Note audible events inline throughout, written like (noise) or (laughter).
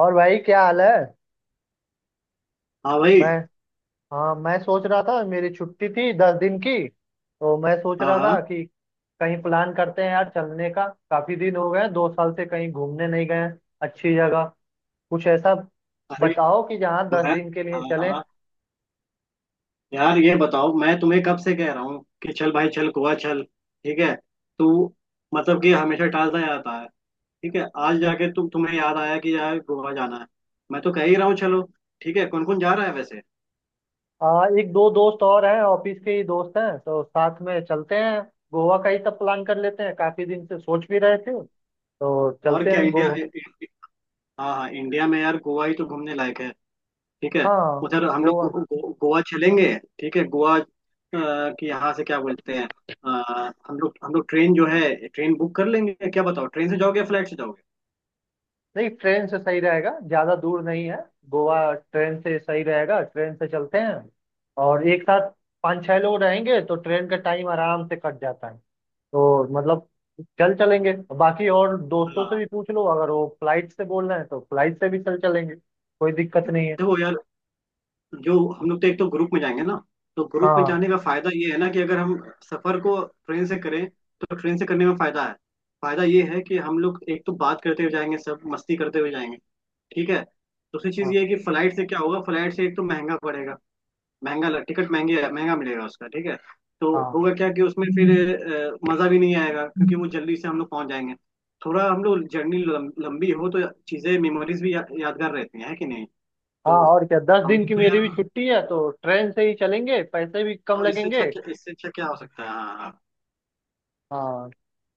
और भाई, क्या हाल है? हाँ भाई। मैं हाँ, मैं सोच रहा था, मेरी छुट्टी थी 10 दिन की, तो मैं सोच हाँ रहा था हाँ। कि कहीं प्लान करते हैं यार चलने का। काफी दिन हो गए, 2 साल से कहीं घूमने नहीं गए हैं। अच्छी जगह कुछ ऐसा अरे। बताओ कि जहाँ दस मैं। दिन के लिए हाँ चलें। हाँ। यार ये बताओ मैं तुम्हें कब से कह रहा हूँ कि चल भाई चल गोवा चल। ठीक है। तू मतलब कि हमेशा टालता जाता है। ठीक है, आज जाके तुम्हें याद आया कि यार गोवा जाना है। मैं तो कह ही रहा हूँ, चलो। ठीक है, कौन कौन जा रहा है वैसे? एक दो दोस्त और हैं, ऑफिस के ही दोस्त हैं, तो साथ में चलते हैं। गोवा का ही सब प्लान कर लेते हैं, काफी दिन से सोच भी रहे थे, तो और चलते क्या, हैं गो इंडिया? हाँ हाँ, इंडिया में यार गोवा ही तो घूमने लायक है। ठीक है। हाँ, उधर हम लोग गो, गोवा। गो, गोवा चलेंगे। ठीक है, गोवा कि यहाँ से क्या बोलते हैं। हम लोग ट्रेन जो है ट्रेन बुक कर लेंगे, क्या बताओ, ट्रेन से जाओगे या फ्लाइट से जाओगे? नहीं, ट्रेन से सही रहेगा, ज़्यादा दूर नहीं है। गोवा ट्रेन से सही रहेगा, ट्रेन से चलते हैं। और एक साथ पाँच छह लोग रहेंगे तो ट्रेन का टाइम आराम से कट जाता है। तो मतलब चल चलेंगे। बाकी और दोस्तों हाँ। से भी पूछ लो, अगर वो फ्लाइट से बोल रहे हैं तो फ्लाइट से भी चल चलेंगे, कोई दिक्कत नहीं है। देखो यार, जो हम लोग तो एक तो ग्रुप में जाएंगे ना। तो ग्रुप में हाँ, जाने का फायदा ये है ना कि अगर हम सफर को ट्रेन से करें तो ट्रेन से करने में फायदा है। फायदा ये है कि हम लोग एक तो बात करते हुए जाएंगे, सब मस्ती करते हुए जाएंगे। ठीक है। दूसरी चीज हाँ। ये है कि फ्लाइट से क्या होगा, फ्लाइट से एक तो महंगा पड़ेगा। महंगा लग टिकट महंगे, महंगा मिलेगा उसका, ठीक है। तो हाँ, होगा क्या कि उसमें फिर मजा भी नहीं आएगा, क्योंकि वो जल्दी से हम लोग पहुंच जाएंगे। थोड़ा हम लोग जर्नी लंबी हो तो चीजें, मेमोरीज भी यादगार रहती हैं, है कि नहीं? हाँ, तो और क्या। दस हम दिन लोग की को मेरी भी यार, छुट्टी है, तो ट्रेन से ही चलेंगे, पैसे भी कम तो इससे लगेंगे। अच्छा क्या, इससे अच्छा क्या हो सकता है? हाँ हाँ। हाँ। हाँ।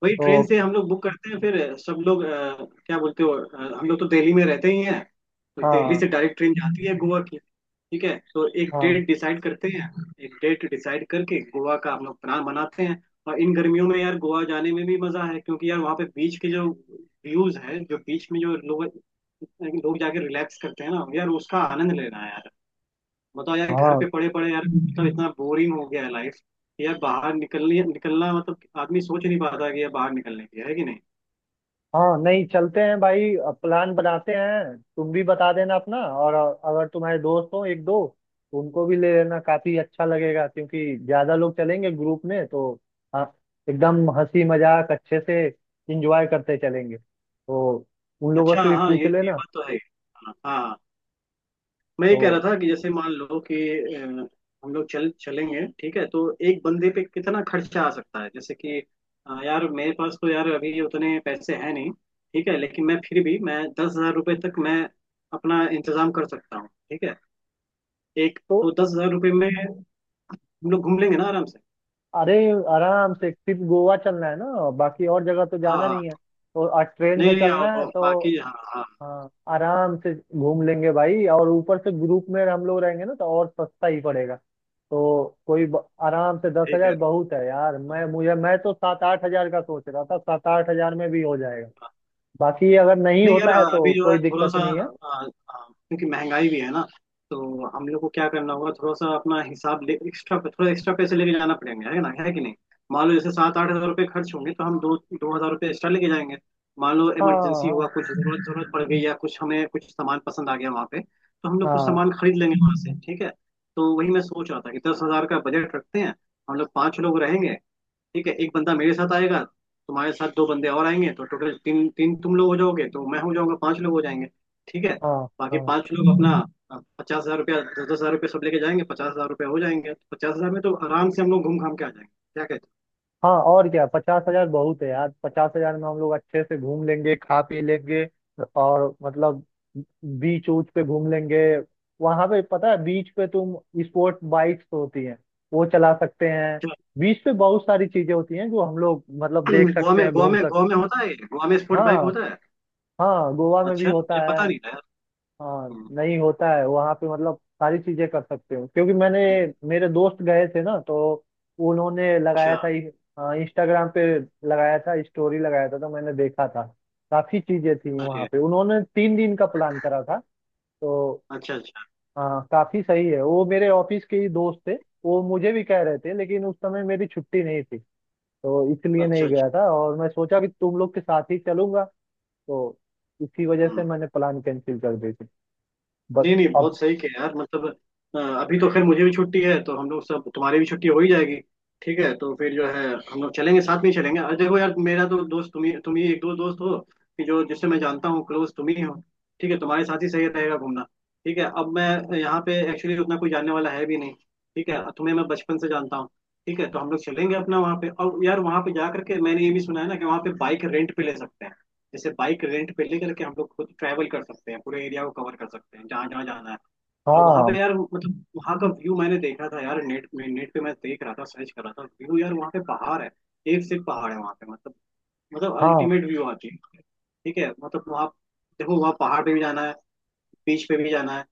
वही, ट्रेन तो से हम लोग बुक करते हैं, फिर सब लोग क्या बोलते हो, हम लोग तो दिल्ली में रहते ही हैं। तो दिल्ली हाँ, से डायरेक्ट ट्रेन जाती है गोवा की। ठीक है, तो एक हाँ। डेट डिसाइड करते हैं। एक डेट डिसाइड करके गोवा का हम लोग प्लान बनाते हैं। और इन गर्मियों में यार गोवा जाने में भी मजा है, क्योंकि यार वहाँ पे बीच के जो व्यूज है, जो बीच में जो लोग लोग जाके रिलैक्स करते हैं ना यार, उसका आनंद लेना है यार। बताओ यार, घर हाँ, पे पड़े पड़े यार, मतलब इतना बोरिंग हो गया है लाइफ यार। बाहर निकलनी निकलना, मतलब आदमी सोच नहीं पाता कि यार बाहर निकलने की है कि नहीं। हाँ नहीं, चलते हैं भाई। प्लान बनाते हैं, तुम भी बता देना अपना। और अगर तुम्हारे दोस्त हो एक दो तो उनको भी ले लेना, काफी अच्छा लगेगा क्योंकि ज्यादा लोग चलेंगे ग्रुप में तो। हाँ, एकदम हंसी मजाक अच्छे से इंजॉय करते चलेंगे, तो उन लोगों अच्छा, से भी हाँ, पूछ ये लेना। बात तो है, हाँ हाँ। मैं ये कह रहा तो था कि जैसे मान लो कि अ, हम लोग चल चलेंगे, ठीक है, तो एक बंदे पे कितना खर्चा आ सकता है, जैसे कि यार मेरे पास तो यार अभी उतने पैसे हैं नहीं। ठीक है, लेकिन मैं, फिर भी मैं 10,000 रुपये तक मैं अपना इंतजाम कर सकता हूँ। ठीक है। एक तो तो 10,000 रुपये में हम लोग घूम लेंगे ना आराम से। अरे, आराम से। सिर्फ गोवा चलना है ना, बाकी और जगह तो हाँ जाना नहीं है। हाँ। तो आज ट्रेन से नहीं नहीं, हाँ, चलना है, हाँ, तो बाकी हाँ हाँ। हाँ आराम से घूम लेंगे भाई। और ऊपर से ग्रुप में हम लोग रहेंगे ना तो और सस्ता ही पड़ेगा। तो कोई आराम से दस ठीक है। हजार बहुत है यार। मैं तो 7-8 हजार का सोच रहा था, 7-8 हजार में भी हो जाएगा। बाकी अगर नहीं नहीं यार, होता है तो अभी जो है कोई थोड़ा दिक्कत सा नहीं है। आ, आ, क्योंकि महंगाई भी है ना। तो हम लोग को क्या करना होगा, थोड़ा सा अपना हिसाब ले, एक्स्ट्रा, थोड़ा एक्स्ट्रा पैसे लेके जाना पड़ेंगे, है ना, है कि नहीं? मान लो जैसे सात आठ हजार रुपये खर्च होंगे तो हम दो दो हजार रुपये एक्स्ट्रा लेके जाएंगे। मान लो हाँ, इमरजेंसी हाँ। हुआ, कुछ जरूरत जरूरत पड़ गई, या कुछ हमें, कुछ सामान पसंद आ गया वहाँ पे, तो हम लोग कुछ हाँ, सामान खरीद लेंगे वहाँ से, ठीक है। तो वही मैं सोच रहा था कि 10,000 का बजट रखते हैं। हम लोग पाँच लोग रहेंगे। ठीक है, एक बंदा मेरे साथ आएगा, तुम्हारे साथ दो बंदे और आएंगे, तो टोटल तीन तीन तुम लोग हो जाओगे, तो मैं हो जाऊंगा, पांच लोग हो जाएंगे। ठीक है। हाँ। बाकी हाँ, पांच लोग अपना 50,000 रुपया, दस दस हजार रुपया सब लेके जाएंगे, 50,000 रुपया हो जाएंगे, तो 50,000 में तो आराम से हम लोग घूम घाम के आ जाएंगे, क्या कहते हो? हाँ, और क्या। 50,000 बहुत है यार, 50,000 में हम लोग अच्छे से घूम लेंगे, खा पी लेंगे। और मतलब बीच ऊच पे घूम लेंगे। वहां पे पता है बीच पे तुम स्पोर्ट बाइक्स तो होती हैं, वो चला सकते हैं। बीच पे बहुत सारी चीजें होती हैं जो हम लोग मतलब चलो, देख (clears throat) गोवा सकते में हैं, गोवा घूम में गोवा सकते। में होता है ये? गोवा में स्पोर्ट बाइक हाँ, होता है? हाँ, गोवा में भी अच्छा, होता मुझे पता है। नहीं था यार। हाँ हम्म। नहीं, होता है वहाँ पे मतलब सारी चीजें कर सकते हो क्योंकि मैंने, मेरे दोस्त गए थे ना तो उन्होंने अच्छा। लगाया था इंस्टाग्राम पे, लगाया था स्टोरी लगाया था, तो मैंने देखा था। काफी चीजें थी वहाँ अरे। पे, उन्होंने 3 दिन का प्लान करा था। तो अच्छा अच्छा। हाँ, काफी सही है। वो मेरे ऑफिस के ही दोस्त थे। वो मुझे भी कह रहे थे लेकिन उस समय मेरी छुट्टी नहीं थी, तो इसलिए अच्छा नहीं अच्छा। गया था और मैं सोचा कि तुम लोग के साथ ही चलूंगा, तो इसी वजह से हम्म। मैंने प्लान कैंसिल कर दी थी। बट नहीं नहीं, अब बहुत सही किया यार, मतलब अभी तो खैर मुझे भी छुट्टी है, तो हम लोग सब, तुम्हारी भी छुट्टी हो ही जाएगी। ठीक है, तो फिर जो है हम लोग चलेंगे, साथ में ही चलेंगे। और देखो यार, मेरा तो दोस्त तुम ही एक दो दोस्त हो, कि जो, जिससे मैं जानता हूँ क्लोज, तुम ही हो। ठीक है, तुम्हारे साथ ही सही रहेगा घूमना। ठीक है, अब मैं यहाँ पे एक्चुअली उतना कोई जानने वाला है भी नहीं। ठीक है, तुम्हें मैं बचपन से जानता हूँ। ठीक है, तो हम लोग चलेंगे अपना वहाँ पे, और यार वहाँ पे जा करके मैंने ये भी सुना है ना कि वहाँ पे बाइक रेंट पे ले सकते हैं। जैसे बाइक रेंट पे लेकर के हम लोग खुद ट्रैवल कर सकते हैं, पूरे एरिया को कवर कर सकते हैं, जहाँ जहाँ जाना है। और वहाँ हाँ। पे यार, मतलब वहाँ का व्यू मैंने देखा था यार, नेट पे मैं देख रहा था, सर्च कर रहा था व्यू, यार वहाँ पे पहाड़ है। एक से एक पहाड़ है वहाँ पे, मतलब, मतलब हाँ, अल्टीमेट व्यू आती है। ठीक है, मतलब वहाँ, देखो वहाँ पहाड़ पे भी जाना है, बीच पे भी जाना है।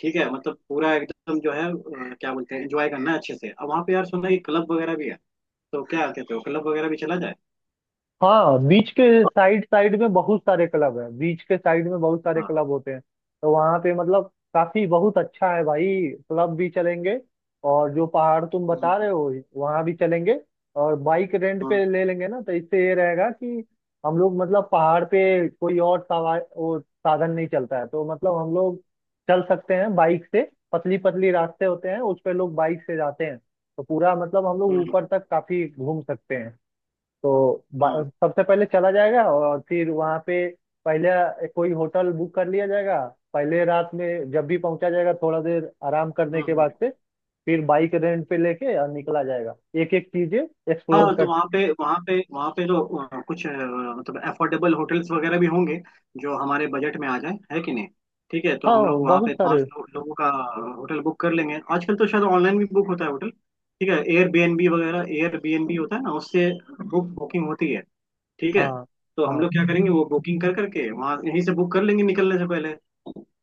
ठीक है, मतलब पूरा एकदम जो है क्या बोलते हैं, एंजॉय करना है अच्छे से। अब वहाँ पे यार सुना है क्लब वगैरह भी है। तो क्या कहते हो, क्लब वगैरह भी चला जाए। हाँ, बीच के साइड साइड में बहुत सारे क्लब है, बीच के साइड में बहुत सारे हाँ हाँ। क्लब होते हैं, तो वहाँ पे मतलब काफी बहुत अच्छा है भाई। क्लब भी चलेंगे और जो पहाड़ तुम बता हम्म। रहे हो वहाँ भी चलेंगे। और बाइक रेंट हम्म। पे ले लेंगे ना, तो इससे ये रहेगा कि हम लोग मतलब पहाड़ पे कोई और सवार वो साधन नहीं चलता है, तो मतलब हम लोग चल सकते हैं बाइक से। पतली पतली रास्ते होते हैं, उस पे लोग बाइक से जाते हैं, तो पूरा मतलब हम लोग हम्म। ऊपर तक काफी घूम सकते हैं। तो बा- हम्म। सबसे पहले चला जाएगा और फिर वहाँ पे पहले कोई होटल बुक कर लिया जाएगा। पहले रात में जब भी पहुंचा जाएगा, थोड़ा देर आराम करने के हम्म। बाद से फिर बाइक रेंट पे लेके और निकला जाएगा, एक एक चीजें एक्सप्लोर हाँ, तो कर। वहाँ पे वहाँ पे तो कुछ, मतलब अफोर्डेबल होटल्स वगैरह भी होंगे जो हमारे बजट में आ जाए, है कि नहीं? ठीक है, तो हम हाँ, लोग वहाँ बहुत पे सारे। लोगों का होटल बुक कर लेंगे। आजकल तो शायद ऑनलाइन भी बुक होता है होटल। ठीक है, एयरबीएनबी वगैरह, एयरबीएनबी होता है ना, उससे बुकिंग होती है। ठीक है। हाँ, तो हम हाँ। लोग क्या करेंगे, वो बुकिंग कर करके, वहाँ, यहीं से बुक कर लेंगे निकलने से पहले।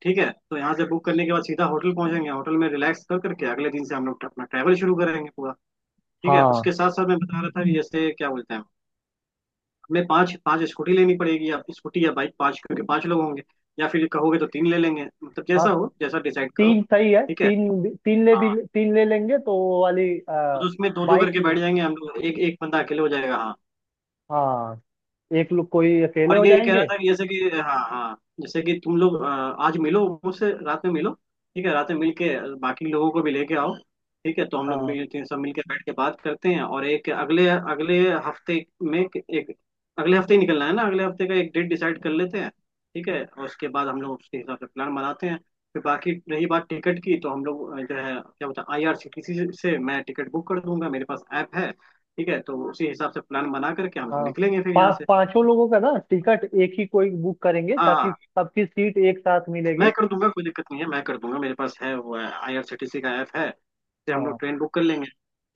ठीक है, तो यहाँ से बुक करने के बाद सीधा होटल पहुंचेंगे, होटल में रिलैक्स कर करके अगले दिन से हम लोग अपना ट्रैवल शुरू करेंगे पूरा। ठीक है, हाँ, उसके साथ साथ मैं बता रहा था कि जैसे क्या बोलते हैं, हमें पांच पांच स्कूटी लेनी पड़ेगी, या स्कूटी या बाइक पांच, क्योंकि पांच लोग होंगे। या फिर कहोगे तो तीन ले लेंगे, मतलब हाँ, जैसा हो जैसा डिसाइड करो। तीन सही है। ठीक है। तीन भी हाँ। तीन ले लेंगे तो वो वाली और उसमें दो दो बाइक। करके बैठ जाएंगे हम लोग, एक एक बंदा अकेले हो जाएगा, हाँ। हाँ, एक लोग कोई अकेले और हो ये कह रहा जाएंगे। था कि जैसे कि, हाँ हाँ, जैसे कि तुम लोग आज मिलो मुझसे, रात में मिलो। ठीक है, रात में मिल के बाकी लोगों को भी लेके आओ। ठीक है, तो हम लोग हाँ, मिलते हैं, सब मिल के बैठ के बात करते हैं, और एक अगले अगले हफ्ते में एक एक- अगले हफ्ते ही निकलना है ना, अगले हफ्ते का एक डेट डिसाइड कर लेते हैं। ठीक है, और उसके बाद हम लोग उसके हिसाब से प्लान बनाते हैं। फिर बाकी रही बात टिकट की, तो हम लोग जो है, क्या बोलते हैं, आईआरसीटीसी से मैं टिकट बुक कर दूंगा, मेरे पास ऐप है। ठीक है, तो उसी हिसाब से प्लान बना करके हम लोग हाँ, निकलेंगे फिर यहाँ से। पांचों लोगों का ना टिकट एक ही कोई बुक करेंगे, हाँ हाँ, ताकि सबकी सीट एक साथ मिलेगी। मैं कर दूंगा, कोई दिक्कत नहीं है, मैं कर दूंगा, मेरे पास है वो आईआरसीटीसी का ऐप है, से हम हाँ, लोग ट्रेन बुक कर लेंगे।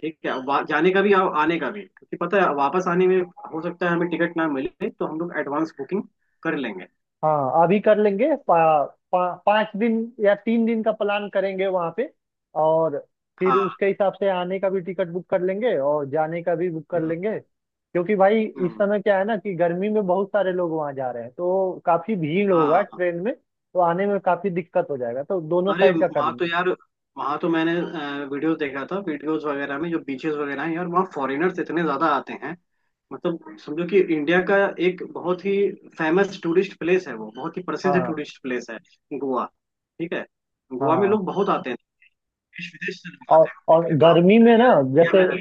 ठीक है, जाने का भी और आने का भी, क्योंकि पता है वापस आने में हो सकता है हमें टिकट ना मिले, तो हम लोग एडवांस बुकिंग कर लेंगे। हाँ, अभी कर लेंगे। पा, पा, पाँच दिन या 3 दिन का प्लान करेंगे वहाँ पे, और फिर हाँ। उसके हिसाब से आने का भी टिकट बुक कर लेंगे और जाने का भी बुक कर हम्म। लेंगे क्योंकि भाई इस हम्म। समय क्या है ना कि गर्मी में बहुत सारे लोग वहाँ जा रहे हैं, तो काफी भीड़ होगा हाँ हाँ। ट्रेन में। तो आने में काफी दिक्कत हो जाएगा तो दोनों अरे, साइड का कर वहाँ तो लेंगे। यार, वहाँ तो मैंने वीडियोस देखा था, वीडियोस वगैरह में जो बीचेस वगैरह हैं यार, वहाँ फॉरेनर्स इतने ज्यादा आते हैं। मतलब समझो कि इंडिया का एक बहुत ही फेमस टूरिस्ट प्लेस है, वो बहुत ही प्रसिद्ध हाँ, टूरिस्ट प्लेस है गोवा। ठीक है। गोवा में हाँ। लोग बहुत आते हैं, देश विदेश से लोग आते और हैं घूमने और के लिए, तो हम गर्मी में ना, यहाँ जैसे पे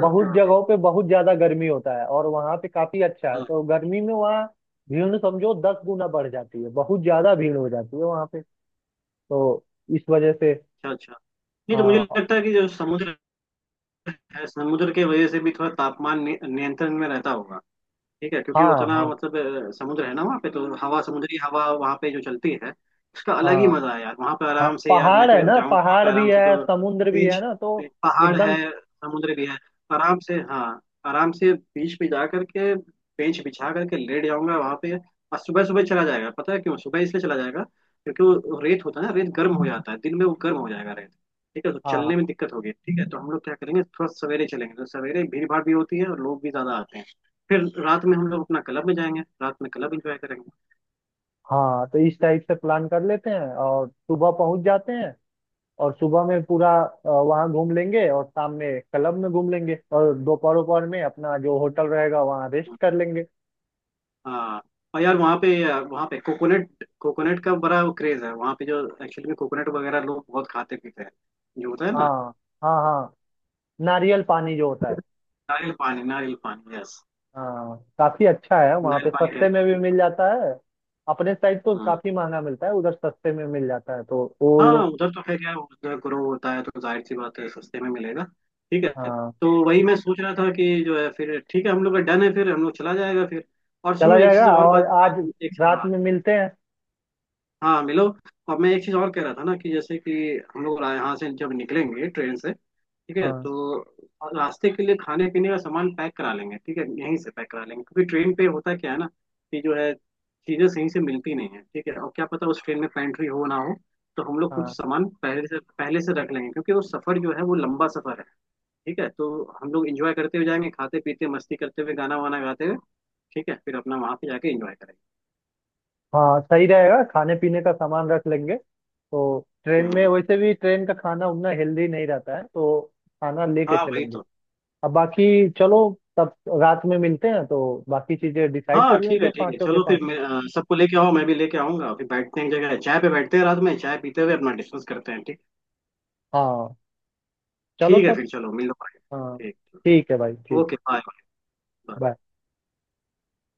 बहुत रहते हैं। जगहों पे बहुत ज्यादा गर्मी होता है और वहां पे काफी अच्छा है, हाँ, तो गर्मी में वहाँ भीड़ समझो 10 गुना बढ़ जाती है, बहुत ज्यादा भीड़ हो जाती है वहां पे। तो इस वजह से अच्छा अच्छा। नहीं, तो मुझे हाँ। लगता है कि जो समुद्र है, समुद्र के वजह से भी थोड़ा तापमान नियंत्रण में रहता होगा। ठीक है, क्योंकि हाँ, उतना हाँ। मतलब समुद्र है ना वहाँ पे, तो हवा, समुद्री हवा वहाँ पे जो चलती है, उसका अलग ही हाँ, मजा है यार। वहाँ पे हाँ आराम से, यार मैं पहाड़ तो है ना, जाऊँगा वहाँ पे पहाड़ भी आराम से, है, जो समुद्र भी है बीच, ना, तो पहाड़ एकदम। है, समुद्र भी है, तो आराम से, हाँ, आराम से बीच पे जा करके बेंच बिछा करके लेट जाऊंगा वहाँ पे, और सुबह सुबह चला जाएगा, पता है क्यों सुबह इसलिए चला जाएगा, क्योंकि वो रेत होता है ना, रेत गर्म हो जाता है दिन में, वो गर्म हो जाएगा रेत। ठीक है, तो हाँ, चलने में दिक्कत होगी। ठीक है, तो हम लोग क्या करेंगे, थोड़ा सवेरे चलेंगे, तो सवेरे भीड़ भाड़ भी होती है और लोग भी ज्यादा आते हैं। फिर रात में हम लोग अपना क्लब में जाएंगे, रात में क्लब एंजॉय करेंगे। हाँ, तो इस टाइप से प्लान कर लेते हैं और सुबह पहुंच जाते हैं, और सुबह में पूरा वहाँ घूम लेंगे, और शाम में क्लब में घूम लेंगे, और दोपहर दोपहर में अपना जो होटल रहेगा वहाँ रेस्ट कर लेंगे। हाँ, और यार वहाँ पे, कोकोनट, कोकोनट का बड़ा वो क्रेज है वहाँ पे, जो एक्चुअली में कोकोनट वगैरह लोग बहुत खाते पीते हैं, जो होता है ना। हाँ, हाँ। हाँ, नारियल पानी जो होता है। नारियल पानी, नारियल पानी, यस। हाँ, काफी अच्छा है वहाँ नारियल पे पानी है। सस्ते में भी मिल जाता है। अपने साइड तो हाँ काफी महंगा मिलता है, उधर सस्ते में मिल जाता है तो वो हाँ, लोग। उधर तो खैर यार, उधर ग्रो होता है तो जाहिर सी बात है सस्ते में मिलेगा। ठीक है। हाँ, तो वही मैं सोच रहा था कि जो है, फिर ठीक है हम लोग का डन है, फिर हम लोग चला जाएगा फिर। और चला सुनो, एक जाएगा। चीज और, और बात आज बात एक, रात हाँ। में मिलते हैं। हाँ, मिलो। और मैं एक चीज और कह रहा था ना, कि जैसे कि हम लोग यहाँ से जब निकलेंगे ट्रेन से, ठीक है, हाँ, तो रास्ते के लिए खाने पीने का सामान पैक करा लेंगे। ठीक है, यहीं से पैक करा लेंगे, क्योंकि ट्रेन पे होता क्या है ना कि जो है, चीजें सही से मिलती नहीं है। ठीक है, और क्या पता उस ट्रेन में पेंट्री हो ना हो, तो हम लोग कुछ हाँ। सामान पहले से रख लेंगे, क्योंकि वो सफर जो है वो लंबा सफर है। ठीक है, तो हम लोग इंजॉय करते हुए जाएंगे, खाते पीते मस्ती करते हुए, गाना वाना गाते हुए। ठीक है, फिर अपना वहां पे जाके इंजॉय करेंगे। हाँ, सही रहेगा, खाने पीने का सामान रख लेंगे तो, ट्रेन में हम्म, वैसे भी ट्रेन का खाना उतना हेल्दी नहीं रहता है, तो खाना लेके हाँ वही चलेंगे। तो। अब बाकी चलो, तब रात में मिलते हैं तो बाकी चीजें डिसाइड हाँ, कर ठीक है, लेंगे ठीक है, पांचों के चलो फिर पांचों। मैं सबको लेके आओ, मैं भी लेके आऊंगा, फिर बैठते हैं एक जगह चाय पे, बैठते हैं रात में चाय पीते हुए अपना डिस्कस करते हैं, ठीक। हाँ, चलो ठीक है, तब। फिर चलो मिलो, बाय। हाँ, ठीक। ठीक है भाई, ठीक ओके, है। बाय। बाय। बाय।